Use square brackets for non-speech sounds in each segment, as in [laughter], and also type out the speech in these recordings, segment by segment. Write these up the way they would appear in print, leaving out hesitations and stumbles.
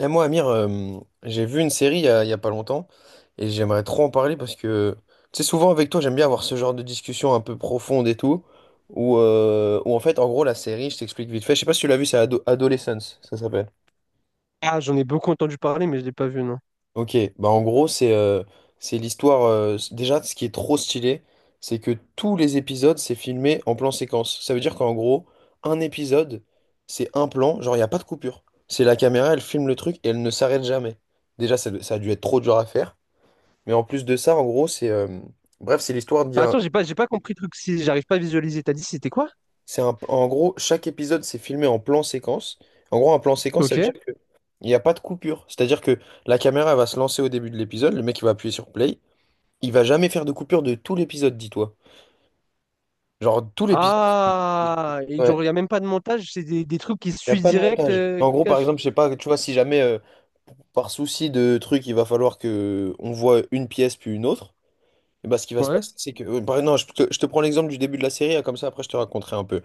Et moi, Amir, j'ai vu une série il y a pas longtemps et j'aimerais trop en parler parce que, tu sais, souvent avec toi, j'aime bien avoir ce genre de discussion un peu profonde et tout, où en fait, en gros, la série, je t'explique vite fait, je sais pas si tu l'as vu, c'est Adolescence, ça s'appelle. Ah, j'en ai beaucoup entendu parler, mais je l'ai pas vu, non. Ok, bah, en gros, c'est l'histoire. Déjà, ce qui est trop stylé, c'est que tous les épisodes, c'est filmé en plan séquence. Ça veut dire qu'en gros, un épisode, c'est un plan, genre, il n'y a pas de coupure. C'est la caméra, elle filme le truc et elle ne s'arrête jamais. Déjà ça, ça a dû être trop dur à faire, mais en plus de ça, en gros, c'est bref, c'est l'histoire Ah, d'un... attends, j'ai pas compris le truc. Si j'arrive pas à visualiser, t'as dit c'était quoi? C'est un, en gros, chaque épisode, c'est filmé en plan séquence. En gros, un plan séquence, ça veut dire Ok. que il n'y a pas de coupure, c'est-à-dire que la caméra, elle va se lancer au début de l'épisode, le mec il va appuyer sur play. Il va jamais faire de coupure de tout l'épisode, dis-toi. Genre, tout l'épisode. Ah, et Ouais, genre, il a même pas de montage, c'est des trucs qui se il n'y a suivent pas de direct, montage. En gros, par cash. exemple, je sais pas, tu vois, si jamais par souci de truc, il va falloir que on voit une pièce puis une autre, et bah, ce qui va se Ouais, passer, c'est que... bah, non, je te prends l'exemple du début de la série, hein, comme ça après je te raconterai un peu.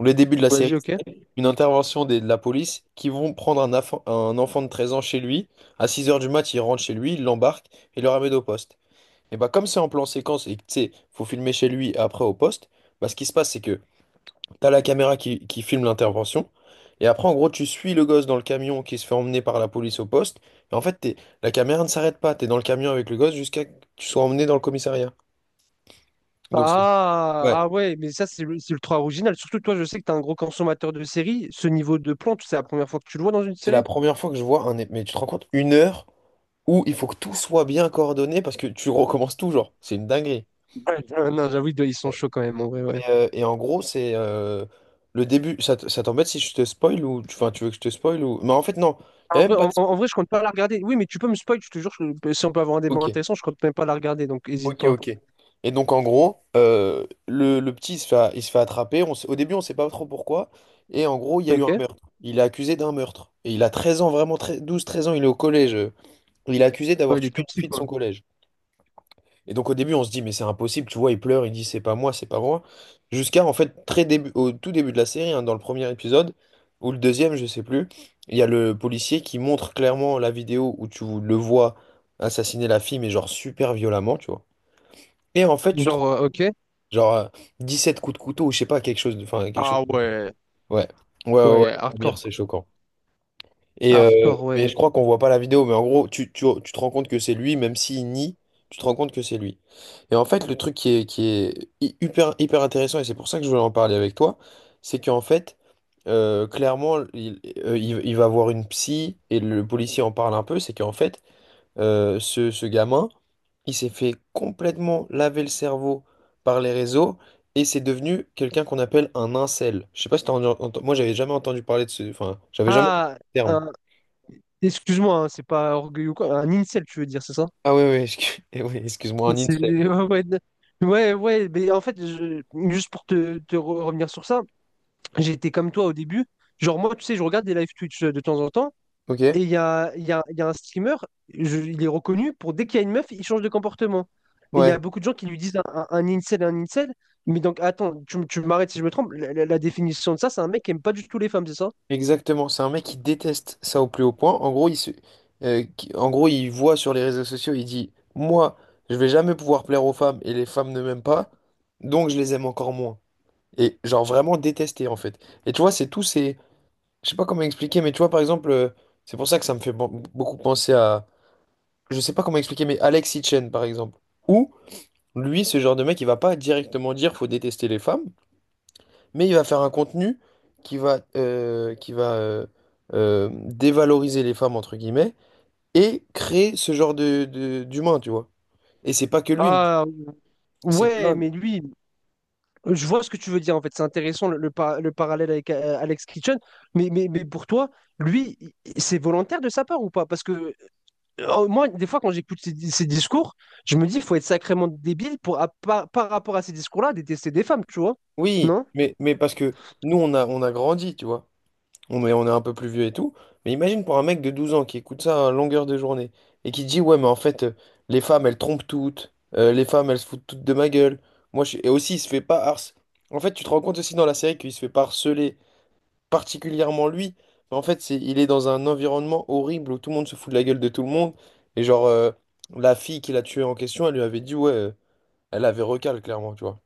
Le début de la série, vas-y, ok. c'est une intervention de la police qui vont prendre un, un enfant de 13 ans chez lui. À 6 heures du mat, ils rentrent chez lui, ils l'embarquent et le ramènent au poste. Et bah, comme c'est en plan séquence et que tu sais, faut filmer chez lui et après au poste, bah, ce qui se passe, c'est que... T'as la caméra qui filme l'intervention. Et après, en gros, tu suis le gosse dans le camion qui se fait emmener par la police au poste. Et en fait, la caméra ne s'arrête pas. T'es dans le camion avec le gosse jusqu'à que tu sois emmené dans le commissariat. Donc, c'est... Ah, Ouais, ah ouais, mais ça, c'est ultra original. Surtout, toi, je sais que t'es un gros consommateur de séries. Ce niveau de plante, c'est la première fois que tu le vois dans une c'est la série? première fois que je vois un. Mais tu te rends compte, une heure où il faut que tout soit bien coordonné parce que tu [laughs] recommences tout, genre. C'est une dinguerie. Ouais, [laughs] non, j'avoue, ils sont Ouais. chauds quand même, en vrai, Mais, ouais. Et en gros, c'est le début. Ça, ça t'embête si je te spoil ou... Enfin, tu veux que je te spoil ou... Mais en fait, non. Il En n'y a vrai, même pas en, de en- vrai, je compte pas la regarder. Oui, mais tu peux me spoil, je te jure, si on peut avoir un débat spoil. intéressant, je compte même pas la regarder, donc hésite Ok, pas. ok. Et donc, en gros, le petit il se fait, il se fait attraper. Au début, on sait pas trop pourquoi. Et en gros, il y a eu un Ok? meurtre. Il est accusé d'un meurtre. Et il a 13 ans, 12, 13 ans, il est au collège. Il est accusé d'avoir Ouais, il est tué une tout petit, fille de quoi. son collège. Et donc, au début, on se dit, mais c'est impossible, tu vois, il pleure, il dit, c'est pas moi, c'est pas moi. Jusqu'à, en fait, très début, au tout début de la série, hein, dans le premier épisode, ou le deuxième, je sais plus, il y a le policier qui montre clairement la vidéo où tu le vois assassiner la fille, mais genre super violemment, tu vois. Et en fait, tu te... Genre, ok. Genre euh, sept coups de couteau, ou je sais pas, quelque chose de... Enfin, quelque chose Ah ouais, ouais. Ouais, ouais, ouais, ouais, la première, hardcore, c'est quoi. choquant. Et Hardcore, mais ouais. je crois qu'on voit pas la vidéo, mais en gros, tu te rends compte que c'est lui, même s'il nie, tu te rends compte que c'est lui. Et en fait, le truc qui est hyper intéressant, et c'est pour ça que je voulais en parler avec toi, c'est qu'en fait, clairement, il va voir une psy, et le policier en parle un peu, c'est qu'en fait, ce gamin, il s'est fait complètement laver le cerveau par les réseaux et c'est devenu quelqu'un qu'on appelle un incel. Je sais pas si t'as entendu, moi j'avais jamais entendu parler de ce, enfin, j'avais jamais entendu Ah, ce terme. un- excuse-moi, hein, c'est pas orgueil ou quoi. Un incel, tu veux dire, c'est ça? Ah oui, oui, [laughs] eh oui, excuse-moi, un C'est- [laughs] incel. Ouais, ouais, d- ouais, ouais, mais en fait, juste pour revenir sur ça, j'étais comme toi au début. Genre, moi, tu sais, je regarde des live Twitch de temps en temps. Ok, Et il y a un streamer, il est reconnu pour dès qu'il y a une meuf, il change de comportement. Et il y ouais, a beaucoup de gens qui lui disent un incel, un incel. Mais donc, attends, tu m'arrêtes si je me trompe. La définition de ça, c'est un mec qui aime pas du tout les femmes, c'est ça? exactement. C'est un mec qui déteste ça au plus haut point. En gros, en gros, il voit sur les réseaux sociaux, il dit, moi, je vais jamais pouvoir plaire aux femmes et les femmes ne m'aiment pas, donc je les aime encore moins. Et genre vraiment détesté en fait. Et tu vois, c'est tout... Je sais pas comment expliquer, mais tu vois, par exemple, c'est pour ça que ça me fait beaucoup penser à... Je sais pas comment expliquer, mais Alex Hitchen, par exemple. Ou, lui, ce genre de mec, il va pas directement dire faut détester les femmes, mais il va faire un contenu qui va dévaloriser les femmes, entre guillemets, et créer ce genre de, d'humain, tu vois. Et c'est pas que lui, mais Ah, c'est ouais, plein. mais lui, je vois ce que tu veux dire en fait. C'est intéressant le parallèle avec Alex Kitchen. Mais pour toi, lui, c'est volontaire de sa part ou pas? Parce que moi, des fois, quand j'écoute ces discours, je me dis, il faut être sacrément débile pour, par, par rapport à ces discours-là, détester des femmes, tu vois? Oui, Non? Mais parce que nous, on a grandi, tu vois. On est un peu plus vieux et tout. Mais imagine pour un mec de 12 ans qui écoute ça à longueur de journée et qui dit, ouais, mais en fait, les femmes, elles trompent toutes. Les femmes, elles se foutent toutes de ma gueule. Moi, je suis... Et aussi, il se fait pas harceler. En fait, tu te rends compte aussi dans la série qu'il se fait pas harceler, particulièrement lui. Mais en fait, c'est, il est dans un environnement horrible où tout le monde se fout de la gueule de tout le monde. Et genre, la fille qui l'a tué en question, elle lui avait dit, ouais, elle avait recal, clairement, tu vois.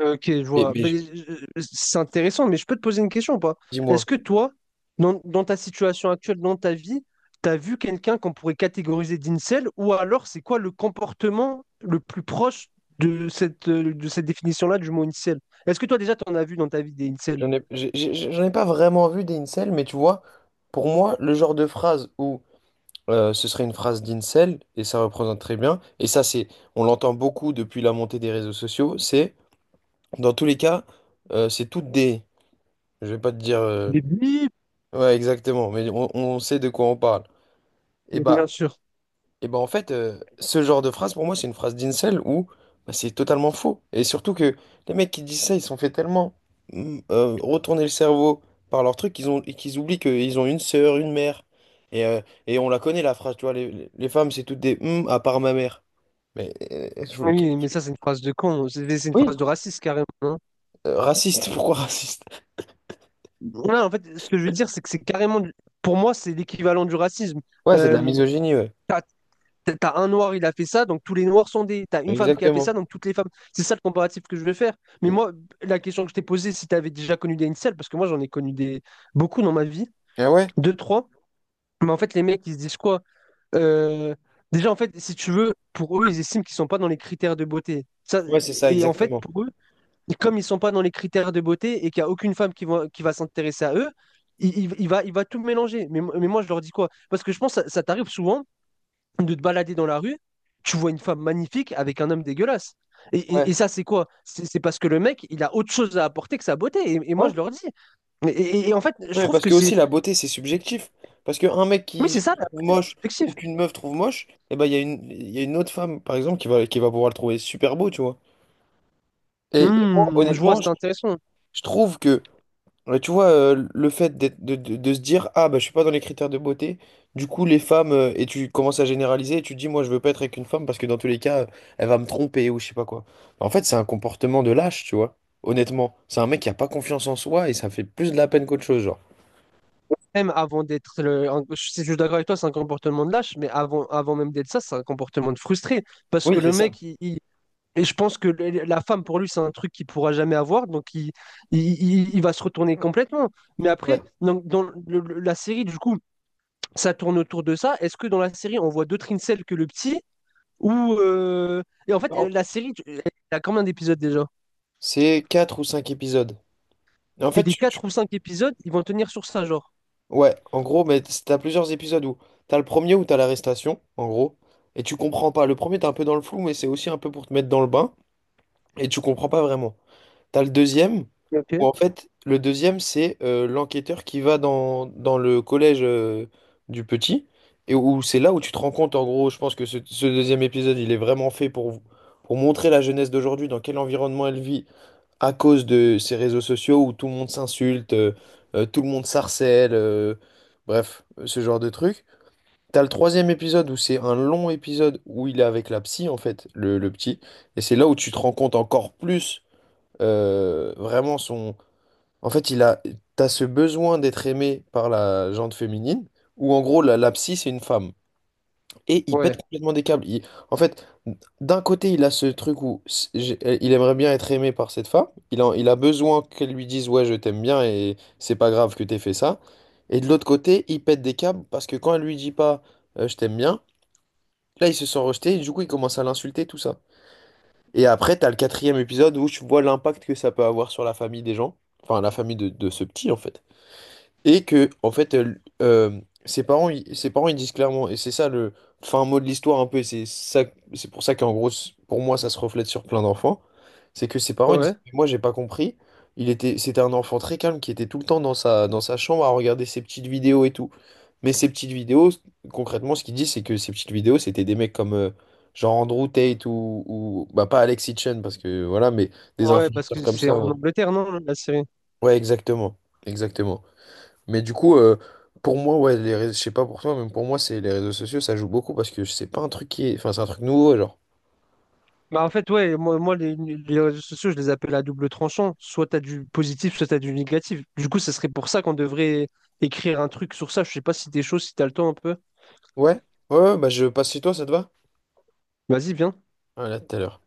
Ok, je Et, vois. mais Ben, je- c'est intéressant, mais je peux te poser une question ou pas? dis-moi. Est-ce que toi, dans ta situation actuelle, dans ta vie, tu as vu quelqu'un qu'on pourrait catégoriser d'incel, ou alors c'est quoi le comportement le plus proche de cette définition-là du mot incel? Est-ce que toi déjà, tu en as vu dans ta vie des incels? J'en ai pas vraiment vu des incels, mais tu vois, pour moi, le genre de phrase où ce serait une phrase d'incel, et ça représente très bien, et ça, c'est, on l'entend beaucoup depuis la montée des réseaux sociaux, c'est, dans tous les cas, c'est toutes des... Je vais pas te dire... Des bips. Ouais, exactement, mais on sait de quoi on parle. Et bah, Bien sûr. et ben en fait, ce genre de phrase, pour moi, c'est une phrase d'insel où bah, c'est totalement faux. Et surtout que les mecs qui disent ça, ils sont fait tellement retourner le cerveau par leur truc qu'ils ont, qu'ils oublient qu'ils ont une sœur, une mère. Et, euh, et on la connaît, la phrase, tu vois, les femmes, c'est toutes des à part ma mère. Mais Oui, mais ça, c'est une phrase de con. C'est une oui, phrase de raciste, carrément, hein. Raciste, [laughs] pourquoi raciste? Ouais, en fait, ce que je veux dire, c'est que c'est carrément, pour moi, c'est l'équivalent du racisme. Ouais, c'est de la Euh, misogynie, ouais. t'as, t'as un noir, il a fait ça, donc tous les noirs sont des. T'as une femme qui a fait ça, Exactement. donc toutes les femmes. C'est ça le comparatif que je veux faire. Mais Et- moi, la question que je t'ai posée, si t'avais déjà connu des incels, parce que moi, j'en ai connu des beaucoup dans ma vie, Ah ouais? deux, trois. Mais en fait, les mecs, ils se disent quoi? Euh, déjà, en fait, si tu veux, pour eux, ils estiment qu'ils sont pas dans les critères de beauté. Ça, Ouais, c'est ça, et en fait, exactement. pour eux, et comme ils sont pas dans les critères de beauté et qu'il n'y a aucune femme qui qui va s'intéresser à eux, il va tout mélanger. Mais moi, je leur dis quoi? Parce que je pense que ça t'arrive souvent de te balader dans la rue, tu vois une femme magnifique avec un homme dégueulasse. Et Ouais. ça, c'est quoi? C'est parce que le mec, il a autre chose à apporter que sa beauté. Et moi, je Ouais. leur dis. Et en fait, je Ouais, trouve parce que que c'est... aussi la beauté c'est subjectif. Parce qu'un mec Oui, qui c'est ça, se la trouve beauté, c'est moche ou subjectif. qu'une meuf trouve moche, et ben il y a une autre femme par exemple qui va pouvoir le trouver super beau, tu vois. Et moi Hmm, je vois, honnêtement, c'est intéressant. je trouve que, tu vois, le fait de se dire, ah bah je suis pas dans les critères de beauté, du coup les femmes, et tu commences à généraliser et tu te dis, moi je veux pas être avec une femme parce que dans tous les cas, elle va me tromper ou je sais pas quoi. En fait, c'est un comportement de lâche, tu vois. Honnêtement, c'est un mec qui a pas confiance en soi et ça fait plus de la peine qu'autre chose, genre. Même avant d'être le. Je suis d'accord avec toi, c'est un comportement de lâche, mais avant, avant même d'être ça, c'est un comportement de frustré. Parce que Oui, c'est le ça. mec, et je pense que la femme, pour lui, c'est un truc qu'il pourra jamais avoir, donc il va se retourner complètement. Mais Ouais. après, la série, du coup, ça tourne autour de ça. Est-ce que dans la série, on voit d'autres incels que le petit? Ou et en fait, la série, elle a combien d'épisodes déjà? C'est 4 ou 5 épisodes. Et en C'est fait, des 4 ou 5 épisodes, ils vont tenir sur ça, genre. ouais, en gros, mais t'as plusieurs épisodes où t'as le premier où t'as l'arrestation, en gros, et tu comprends pas. Le premier, t'es un peu dans le flou, mais c'est aussi un peu pour te mettre dans le bain, et tu comprends pas vraiment. T'as le deuxième, où Ok. en fait, le deuxième, c'est l'enquêteur qui va dans, dans le collège du petit, et où c'est là où tu te rends compte, en gros, je pense que ce deuxième épisode, il est vraiment fait pour montrer la jeunesse d'aujourd'hui, dans quel environnement elle vit, à cause de ces réseaux sociaux où tout le monde s'insulte, tout le monde s'harcèle, bref, ce genre de truc. T'as le troisième épisode où c'est un long épisode où il est avec la psy, en fait, le petit. Et c'est là où tu te rends compte encore plus, vraiment son... En fait, il a... t'as ce besoin d'être aimé par la gente féminine, où en gros, la psy, c'est une femme. Et il pète Ouais, complètement des câbles. Il- En fait, d'un côté, il a ce truc où il aimerait bien être aimé par cette femme. Il a besoin qu'elle lui dise, ouais, je t'aime bien et c'est pas grave que t'aies fait ça. Et de l'autre côté, il pète des câbles parce que quand elle lui dit pas, je t'aime bien, là, il se sent rejeté et du coup, il commence à l'insulter, tout ça. Et après, t'as le quatrième épisode où tu vois l'impact que ça peut avoir sur la famille des gens. Enfin, la famille de ce petit, en fait. Et que, en fait, euh, ses parents, ses parents, ils disent clairement, et c'est ça le fin mot de l'histoire un peu, et c'est ça, c'est pour ça qu'en gros, pour moi, ça se reflète sur plein d'enfants, c'est que ses parents, ils disent, ouais. mais moi, j'ai pas compris, il était, c'était un enfant très calme qui était tout le temps dans sa chambre à regarder ses petites vidéos et tout. Mais ces petites vidéos, concrètement, ce qu'il dit, c'est que ces petites vidéos, c'était des mecs comme, genre Andrew Tate ou, bah, pas Alex Hitchen, parce que voilà, mais des Ouais, parce influenceurs que comme c'est en ça. Ouais, Angleterre, non, la série? ouais, exactement, exactement. Mais du coup, pour moi, ouais, les réseaux, je sais pas pour toi, mais pour moi, c'est les réseaux sociaux, ça joue beaucoup parce que c'est pas un truc qui est... Enfin, c'est un truc nouveau, genre. Bah en fait, ouais, moi les réseaux sociaux, je les appelle à double tranchant. Soit t'as du positif, soit t'as du négatif. Du coup, ça serait pour ça qu'on devrait écrire un truc sur ça. Je sais pas si t'es chaud, si t'as le temps un peu. Ouais, ouais, ouais, bah je passe chez toi, ça te va? Vas-y, viens. Ah, là, tout à l'heure.